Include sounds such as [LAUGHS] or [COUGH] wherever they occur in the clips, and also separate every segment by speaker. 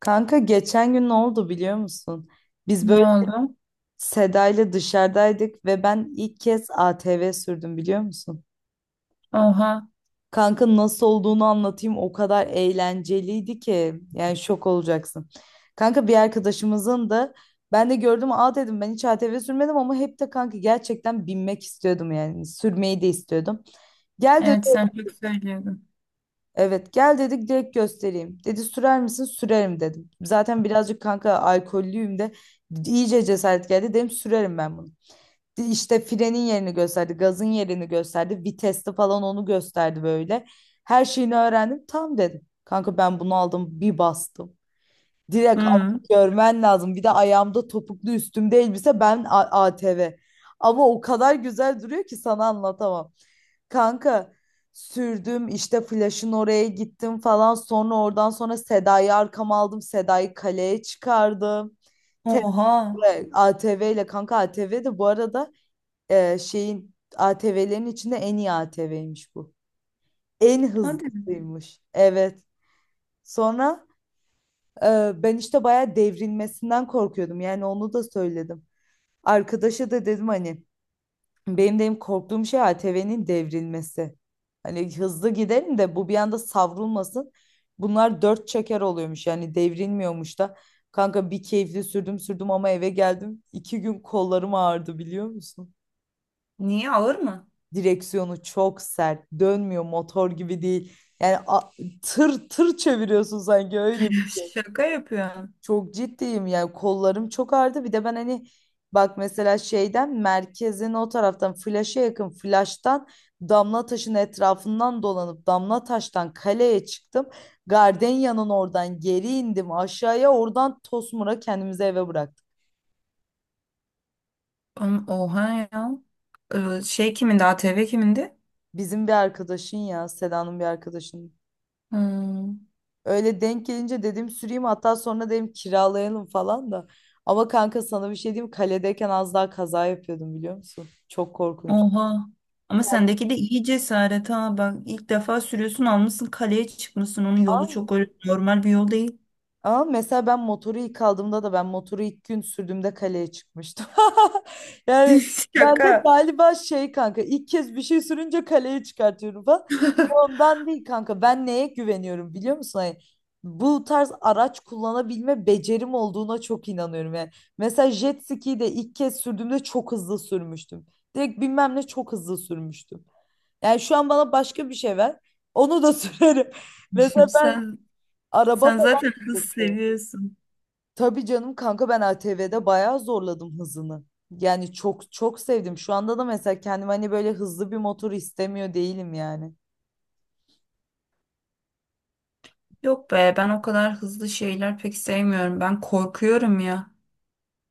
Speaker 1: Kanka geçen gün ne oldu biliyor musun? Biz
Speaker 2: Ne
Speaker 1: böyle
Speaker 2: oldu?
Speaker 1: Seda ile dışarıdaydık ve ben ilk kez ATV sürdüm biliyor musun?
Speaker 2: Oha.
Speaker 1: Kanka nasıl olduğunu anlatayım, o kadar eğlenceliydi ki yani şok olacaksın. Kanka bir arkadaşımızın da ben de gördüm, aa dedim ben hiç ATV sürmedim ama hep de kanka gerçekten binmek istiyordum, yani sürmeyi de istiyordum. Gel
Speaker 2: Evet sen çok söylüyordun.
Speaker 1: Evet, gel dedik, direkt göstereyim. Dedi sürer misin? Sürerim dedim. Zaten birazcık kanka alkollüyüm de iyice cesaret geldi. Dedim sürerim ben bunu. İşte frenin yerini gösterdi. Gazın yerini gösterdi. Viteste falan onu gösterdi böyle. Her şeyini öğrendim. Tam dedim. Kanka ben bunu aldım bir bastım. Direkt
Speaker 2: Hı.
Speaker 1: görmen lazım. Bir de ayağımda topuklu, üstümde elbise, ben ATV. Ama o kadar güzel duruyor ki sana anlatamam. Kanka sürdüm işte, flash'ın oraya gittim falan, sonra oradan sonra Seda'yı arkama aldım, Seda'yı kaleye çıkardım. Te-
Speaker 2: Oha.
Speaker 1: ATV ile, kanka ATV de bu arada, şeyin ATV'lerin içinde en iyi ATV'ymiş bu, en
Speaker 2: Hadi.
Speaker 1: hızlısıymış, evet. Sonra ben işte bayağı devrilmesinden korkuyordum, yani onu da söyledim arkadaşa, da dedim hani, benim de en korktuğum şey ATV'nin devrilmesi. Hani hızlı gidelim de bu bir anda savrulmasın. Bunlar dört çeker oluyormuş, yani devrilmiyormuş da. Kanka bir keyifli sürdüm sürdüm, ama eve geldim, 2 gün kollarım ağrıdı biliyor musun?
Speaker 2: Niye, ağır mı?
Speaker 1: Direksiyonu çok sert. Dönmüyor, motor gibi değil. Yani, tır tır çeviriyorsun sanki, öyle.
Speaker 2: [LAUGHS] Şaka yapıyorum.
Speaker 1: Çok ciddiyim, yani kollarım çok ağrıdı. Bir de ben hani, bak mesela şeyden, merkezin o taraftan flaşa yakın, flaştan damla taşın etrafından dolanıp damla taştan kaleye çıktım. Gardenya'nın oradan geri indim aşağıya, oradan Tosmur'a kendimizi eve bıraktık.
Speaker 2: Oha ya. Şey kimindi? ATV kimindi?
Speaker 1: Bizim bir arkadaşın, ya Seda'nın bir arkadaşının.
Speaker 2: Hmm.
Speaker 1: Öyle denk gelince dedim süreyim, hatta sonra dedim kiralayalım falan da. Ama kanka sana bir şey diyeyim, kaledeyken az daha kaza yapıyordum biliyor musun? Çok korkunç.
Speaker 2: Oha. Ama sendeki de iyi cesaret ha. Bak ilk defa sürüyorsun, almışsın kaleye çıkmışsın. Onun yolu
Speaker 1: Aa.
Speaker 2: çok öyle normal bir yol değil.
Speaker 1: Ama mesela ben motoru ilk aldığımda da, ben motoru ilk gün sürdüğümde kaleye çıkmıştım. [LAUGHS] Yani
Speaker 2: [LAUGHS]
Speaker 1: ben de
Speaker 2: Şaka.
Speaker 1: galiba şey kanka, ilk kez bir şey sürünce kaleye çıkartıyorum falan.
Speaker 2: [LAUGHS]
Speaker 1: Ondan değil kanka, ben neye güveniyorum biliyor musun? Hani bu tarz araç kullanabilme becerim olduğuna çok inanıyorum yani. Mesela jet ski'yi de ilk kez sürdüğümde çok hızlı sürmüştüm. Direkt bilmem ne, çok hızlı sürmüştüm. Yani şu an bana başka bir şey ver. Onu da [LAUGHS] sürerim. Mesela ben
Speaker 2: Sen
Speaker 1: araba
Speaker 2: sen
Speaker 1: falan
Speaker 2: zaten
Speaker 1: da
Speaker 2: hız
Speaker 1: çok seviyorum.
Speaker 2: seviyorsun.
Speaker 1: Tabii canım kanka, ben ATV'de bayağı zorladım hızını. Yani çok çok sevdim. Şu anda da mesela kendim hani böyle hızlı bir motor istemiyor değilim yani.
Speaker 2: Yok be, ben o kadar hızlı şeyler pek sevmiyorum. Ben korkuyorum ya.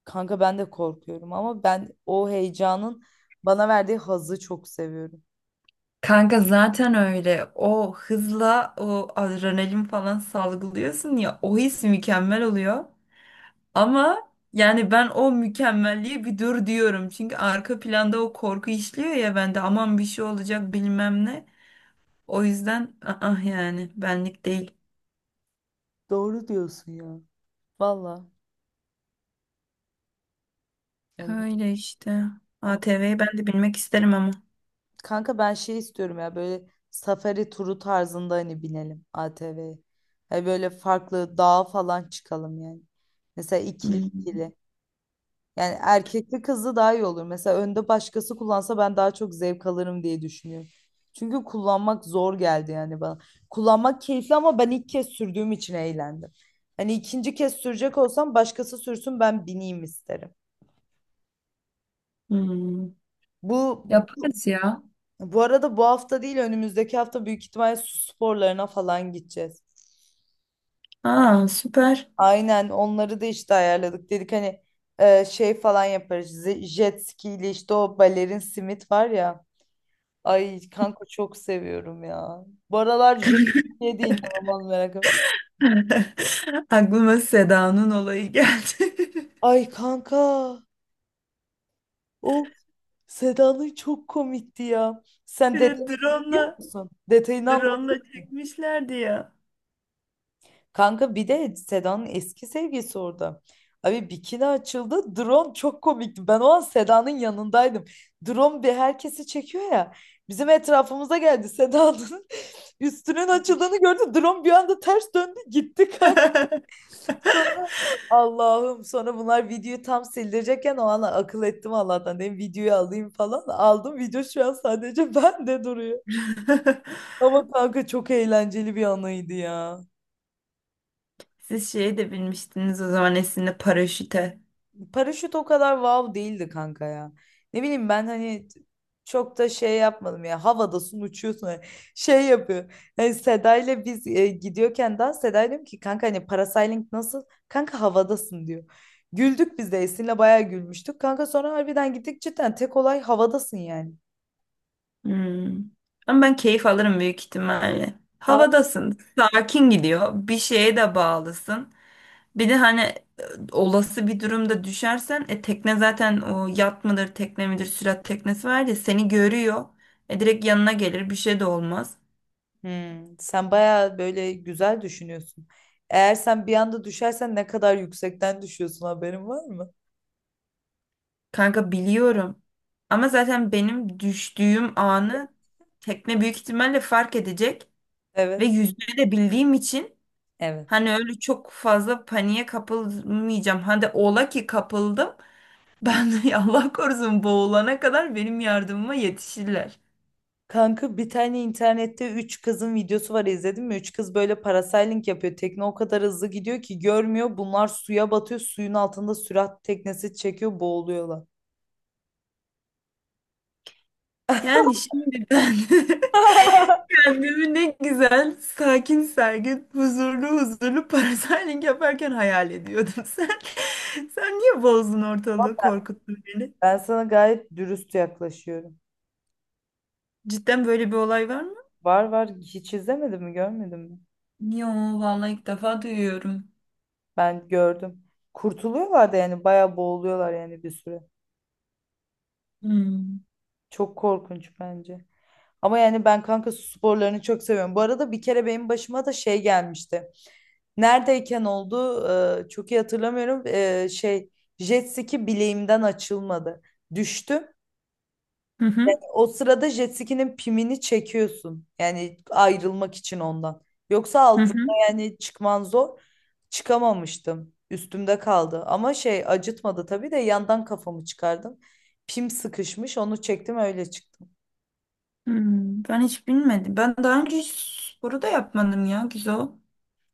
Speaker 1: Kanka ben de korkuyorum ama ben o heyecanın bana verdiği hazzı çok seviyorum.
Speaker 2: Kanka zaten öyle. O hızla o adrenalin falan salgılıyorsun ya, o his mükemmel oluyor. Ama yani ben o mükemmelliğe bir dur diyorum. Çünkü arka planda o korku işliyor ya bende, aman bir şey olacak bilmem ne. O yüzden ah, yani benlik değil.
Speaker 1: Doğru diyorsun ya. Valla. Yani,
Speaker 2: Öyle işte.
Speaker 1: ama
Speaker 2: ATV'yi ben de bilmek isterim ama.
Speaker 1: kanka ben şey istiyorum ya, böyle safari turu tarzında hani binelim ATV'ye. Hani böyle farklı dağa falan çıkalım yani. Mesela ikili
Speaker 2: Hmm.
Speaker 1: ikili. Yani erkekli kızlı daha iyi olur. Mesela önde başkası kullansa ben daha çok zevk alırım diye düşünüyorum. Çünkü kullanmak zor geldi yani bana. Kullanmak keyifli, ama ben ilk kez sürdüğüm için eğlendim. Hani ikinci kez sürecek olsam başkası sürsün, ben bineyim isterim.
Speaker 2: Hmm.
Speaker 1: Bu
Speaker 2: Yaparız ya.
Speaker 1: bu arada bu hafta değil önümüzdeki hafta büyük ihtimalle su sporlarına falan gideceğiz.
Speaker 2: Aa, süper.
Speaker 1: Aynen, onları da işte ayarladık. Dedik hani şey falan yaparız. Jet ski ile işte, o balerin simit var ya. Ay kanka, çok seviyorum ya. Bu aralar J.K. de inanılmaz merakım.
Speaker 2: [LAUGHS] Aklıma Seda'nın olayı geldi. [LAUGHS]
Speaker 1: Ay kanka. O Seda'nın çok komikti ya. Sen
Speaker 2: Bir de
Speaker 1: detayını biliyor
Speaker 2: drone'la
Speaker 1: musun? Detayını
Speaker 2: drone'la
Speaker 1: anlatayım mı?
Speaker 2: çekmişlerdi ya.
Speaker 1: Kanka bir de Seda'nın eski sevgilisi orada. Abi bikini açıldı. Drone çok komikti. Ben o an Seda'nın yanındaydım. Drone bir herkesi çekiyor ya. Bizim etrafımıza geldi, Seda'nın [LAUGHS] üstünün açıldığını gördü. Drone bir anda ters döndü gitti kanka. Allah'ım, sonra bunlar videoyu tam sildirecekken o an akıl ettim, Allah'tan, dedim videoyu alayım falan. Aldım, video şu an sadece [LAUGHS] bende duruyor.
Speaker 2: [LAUGHS]
Speaker 1: Ama kanka çok eğlenceli bir anıydı ya.
Speaker 2: Siz şeye de binmiştiniz o zaman, Esin'le, paraşüte.
Speaker 1: Paraşüt o kadar wow değildi kanka ya. Ne bileyim, ben hani çok da şey yapmadım ya. Havadasın, uçuyorsun. Hani şey yapıyor. Yani Seda ile biz gidiyorken dans, Seda diyorum ki, kanka hani parasailing nasıl? Kanka havadasın diyor. Güldük, biz de Esin'le bayağı gülmüştük. Kanka sonra harbiden gittik, cidden tek olay havadasın yani.
Speaker 2: Hmm. Ama ben keyif alırım büyük ihtimalle.
Speaker 1: Aa.
Speaker 2: Havadasın, sakin gidiyor. Bir şeye de bağlısın. Bir de hani olası bir durumda düşersen tekne zaten, o yat mıdır tekne midir sürat teknesi var ya, seni görüyor. Direkt yanına gelir, bir şey de olmaz.
Speaker 1: Hmm, sen bayağı böyle güzel düşünüyorsun. Eğer sen bir anda düşersen, ne kadar yüksekten düşüyorsun, haberin var mı?
Speaker 2: Kanka biliyorum. Ama zaten benim düştüğüm anı tekne büyük ihtimalle fark edecek. Ve
Speaker 1: Evet.
Speaker 2: yüzmeyi de bildiğim için
Speaker 1: Evet.
Speaker 2: hani öyle çok fazla paniğe kapılmayacağım. Hadi ola ki kapıldım. Ben de [LAUGHS] Allah korusun boğulana kadar benim yardımıma yetişirler.
Speaker 1: Kanka bir tane internette 3 kızın videosu var, izledin mi? 3 kız böyle parasailing yapıyor. Tekne o kadar hızlı gidiyor ki görmüyor. Bunlar suya batıyor. Suyun altında sürat teknesi çekiyor, boğuluyorlar.
Speaker 2: Yani şimdi ben [LAUGHS]
Speaker 1: [LAUGHS]
Speaker 2: kendimi ne güzel, sakin sergin, huzurlu huzurlu parasailing yaparken hayal ediyordum. [LAUGHS] Sen, sen niye bozdun ortalığı, korkuttun beni?
Speaker 1: Ben sana gayet dürüst yaklaşıyorum.
Speaker 2: Cidden böyle bir olay var mı?
Speaker 1: Var var, hiç izlemedin mi, görmedin mi?
Speaker 2: Yo, vallahi ilk defa duyuyorum.
Speaker 1: Ben gördüm. Kurtuluyorlar da yani, bayağı boğuluyorlar yani bir süre.
Speaker 2: Hmm.
Speaker 1: Çok korkunç bence. Ama yani ben kanka su sporlarını çok seviyorum. Bu arada bir kere benim başıma da şey gelmişti. Neredeyken oldu çok iyi hatırlamıyorum. Şey, jet ski bileğimden açılmadı. Düştüm.
Speaker 2: Hı hı,
Speaker 1: O sırada jet ski'nin pimini çekiyorsun. Yani ayrılmak için ondan. Yoksa
Speaker 2: hı
Speaker 1: altında
Speaker 2: hı,
Speaker 1: yani çıkman zor. Çıkamamıştım, üstümde kaldı. Ama şey, acıtmadı tabii de, yandan kafamı çıkardım. Pim sıkışmış, onu çektim, öyle çıktım.
Speaker 2: hmm. Ben hiç bilmedim. Ben daha önce hiç sporu da yapmadım ya, güzel.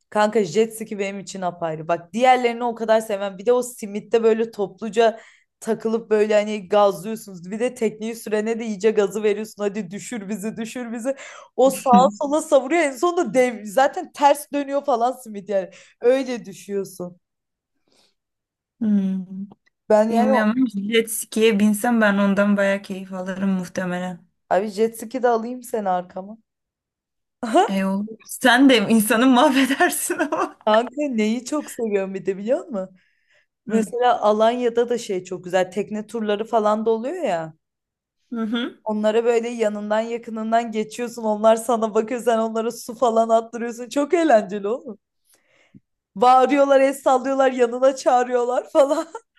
Speaker 1: Kanka jet ski benim için apayrı. Bak, diğerlerini o kadar sevmem. Bir de o simitte böyle topluca takılıp böyle hani gazlıyorsunuz. Bir de tekneyi sürene de iyice gazı veriyorsun, hadi düşür bizi, düşür bizi. O sağa
Speaker 2: Hı.
Speaker 1: sola savuruyor. En sonunda dev, zaten ters dönüyor falan simit yani. Öyle düşüyorsun.
Speaker 2: Hmm.
Speaker 1: Ben,
Speaker 2: Bilmiyorum ama jet ski'ye binsem ben ondan bayağı keyif alırım muhtemelen.
Speaker 1: abi jet ski de alayım seni arkama. [LAUGHS]
Speaker 2: E olur. Sen de insanı mahvedersin ama.
Speaker 1: Kanka neyi çok seviyorum bir de biliyor musun? Mesela Alanya'da da şey çok güzel. Tekne turları falan da oluyor ya.
Speaker 2: Hı hı.
Speaker 1: Onlara böyle yanından yakınından geçiyorsun. Onlar sana bakıyor. Sen onlara su falan attırıyorsun. Çok eğlenceli oğlum. Bağırıyorlar, el sallıyorlar, yanına çağırıyorlar falan. [LAUGHS]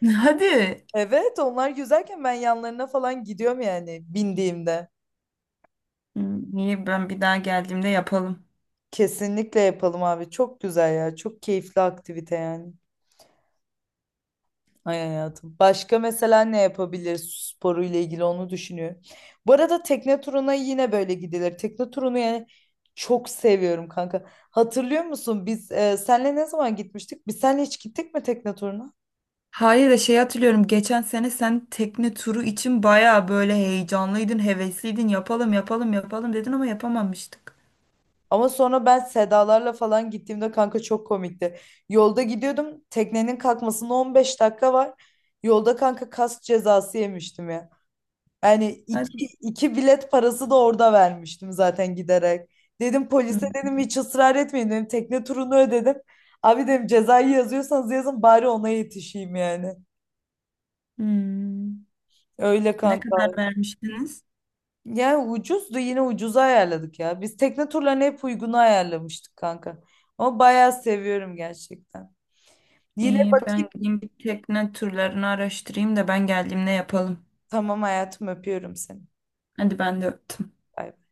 Speaker 2: [LAUGHS] Hadi.
Speaker 1: Evet, onlar güzelken ben yanlarına falan gidiyorum yani, bindiğimde.
Speaker 2: İyi, ben bir daha geldiğimde yapalım.
Speaker 1: Kesinlikle yapalım abi. Çok güzel ya. Çok keyifli aktivite yani. Ay hayatım. Başka mesela ne yapabilir sporu ile ilgili, onu düşünüyorum. Bu arada tekne turuna yine böyle gidilir. Tekne turunu yani çok seviyorum kanka. Hatırlıyor musun biz senle ne zaman gitmiştik? Biz senle hiç gittik mi tekne turuna?
Speaker 2: Hayır, da şey hatırlıyorum. Geçen sene sen tekne turu için baya böyle heyecanlıydın, hevesliydin. Yapalım, yapalım, yapalım dedin ama yapamamıştık.
Speaker 1: Ama sonra ben Sedalarla falan gittiğimde kanka çok komikti. Yolda gidiyordum. Teknenin kalkmasına 15 dakika var. Yolda kanka kas cezası yemiştim ya. Yani
Speaker 2: Hadi.
Speaker 1: iki, iki bilet parası da orada vermiştim zaten, giderek. Dedim polise,
Speaker 2: Hı.
Speaker 1: dedim hiç ısrar etmeyin dedim, tekne turunu ödedim. Abi dedim, cezayı yazıyorsanız yazın, bari ona yetişeyim yani.
Speaker 2: Hmm.
Speaker 1: Öyle
Speaker 2: Ne
Speaker 1: kanka.
Speaker 2: kadar vermiştiniz?
Speaker 1: Yani ucuzdu, yine ucuza ayarladık ya. Biz tekne turlarını hep uygunu ayarlamıştık kanka. Ama bayağı seviyorum gerçekten. Yine
Speaker 2: İyi, ben
Speaker 1: bakayım.
Speaker 2: gideyim bir tekne turlarını araştırayım da ben geldiğimde yapalım.
Speaker 1: Tamam hayatım, öpüyorum seni.
Speaker 2: Hadi, ben de öptüm.
Speaker 1: Bay bay.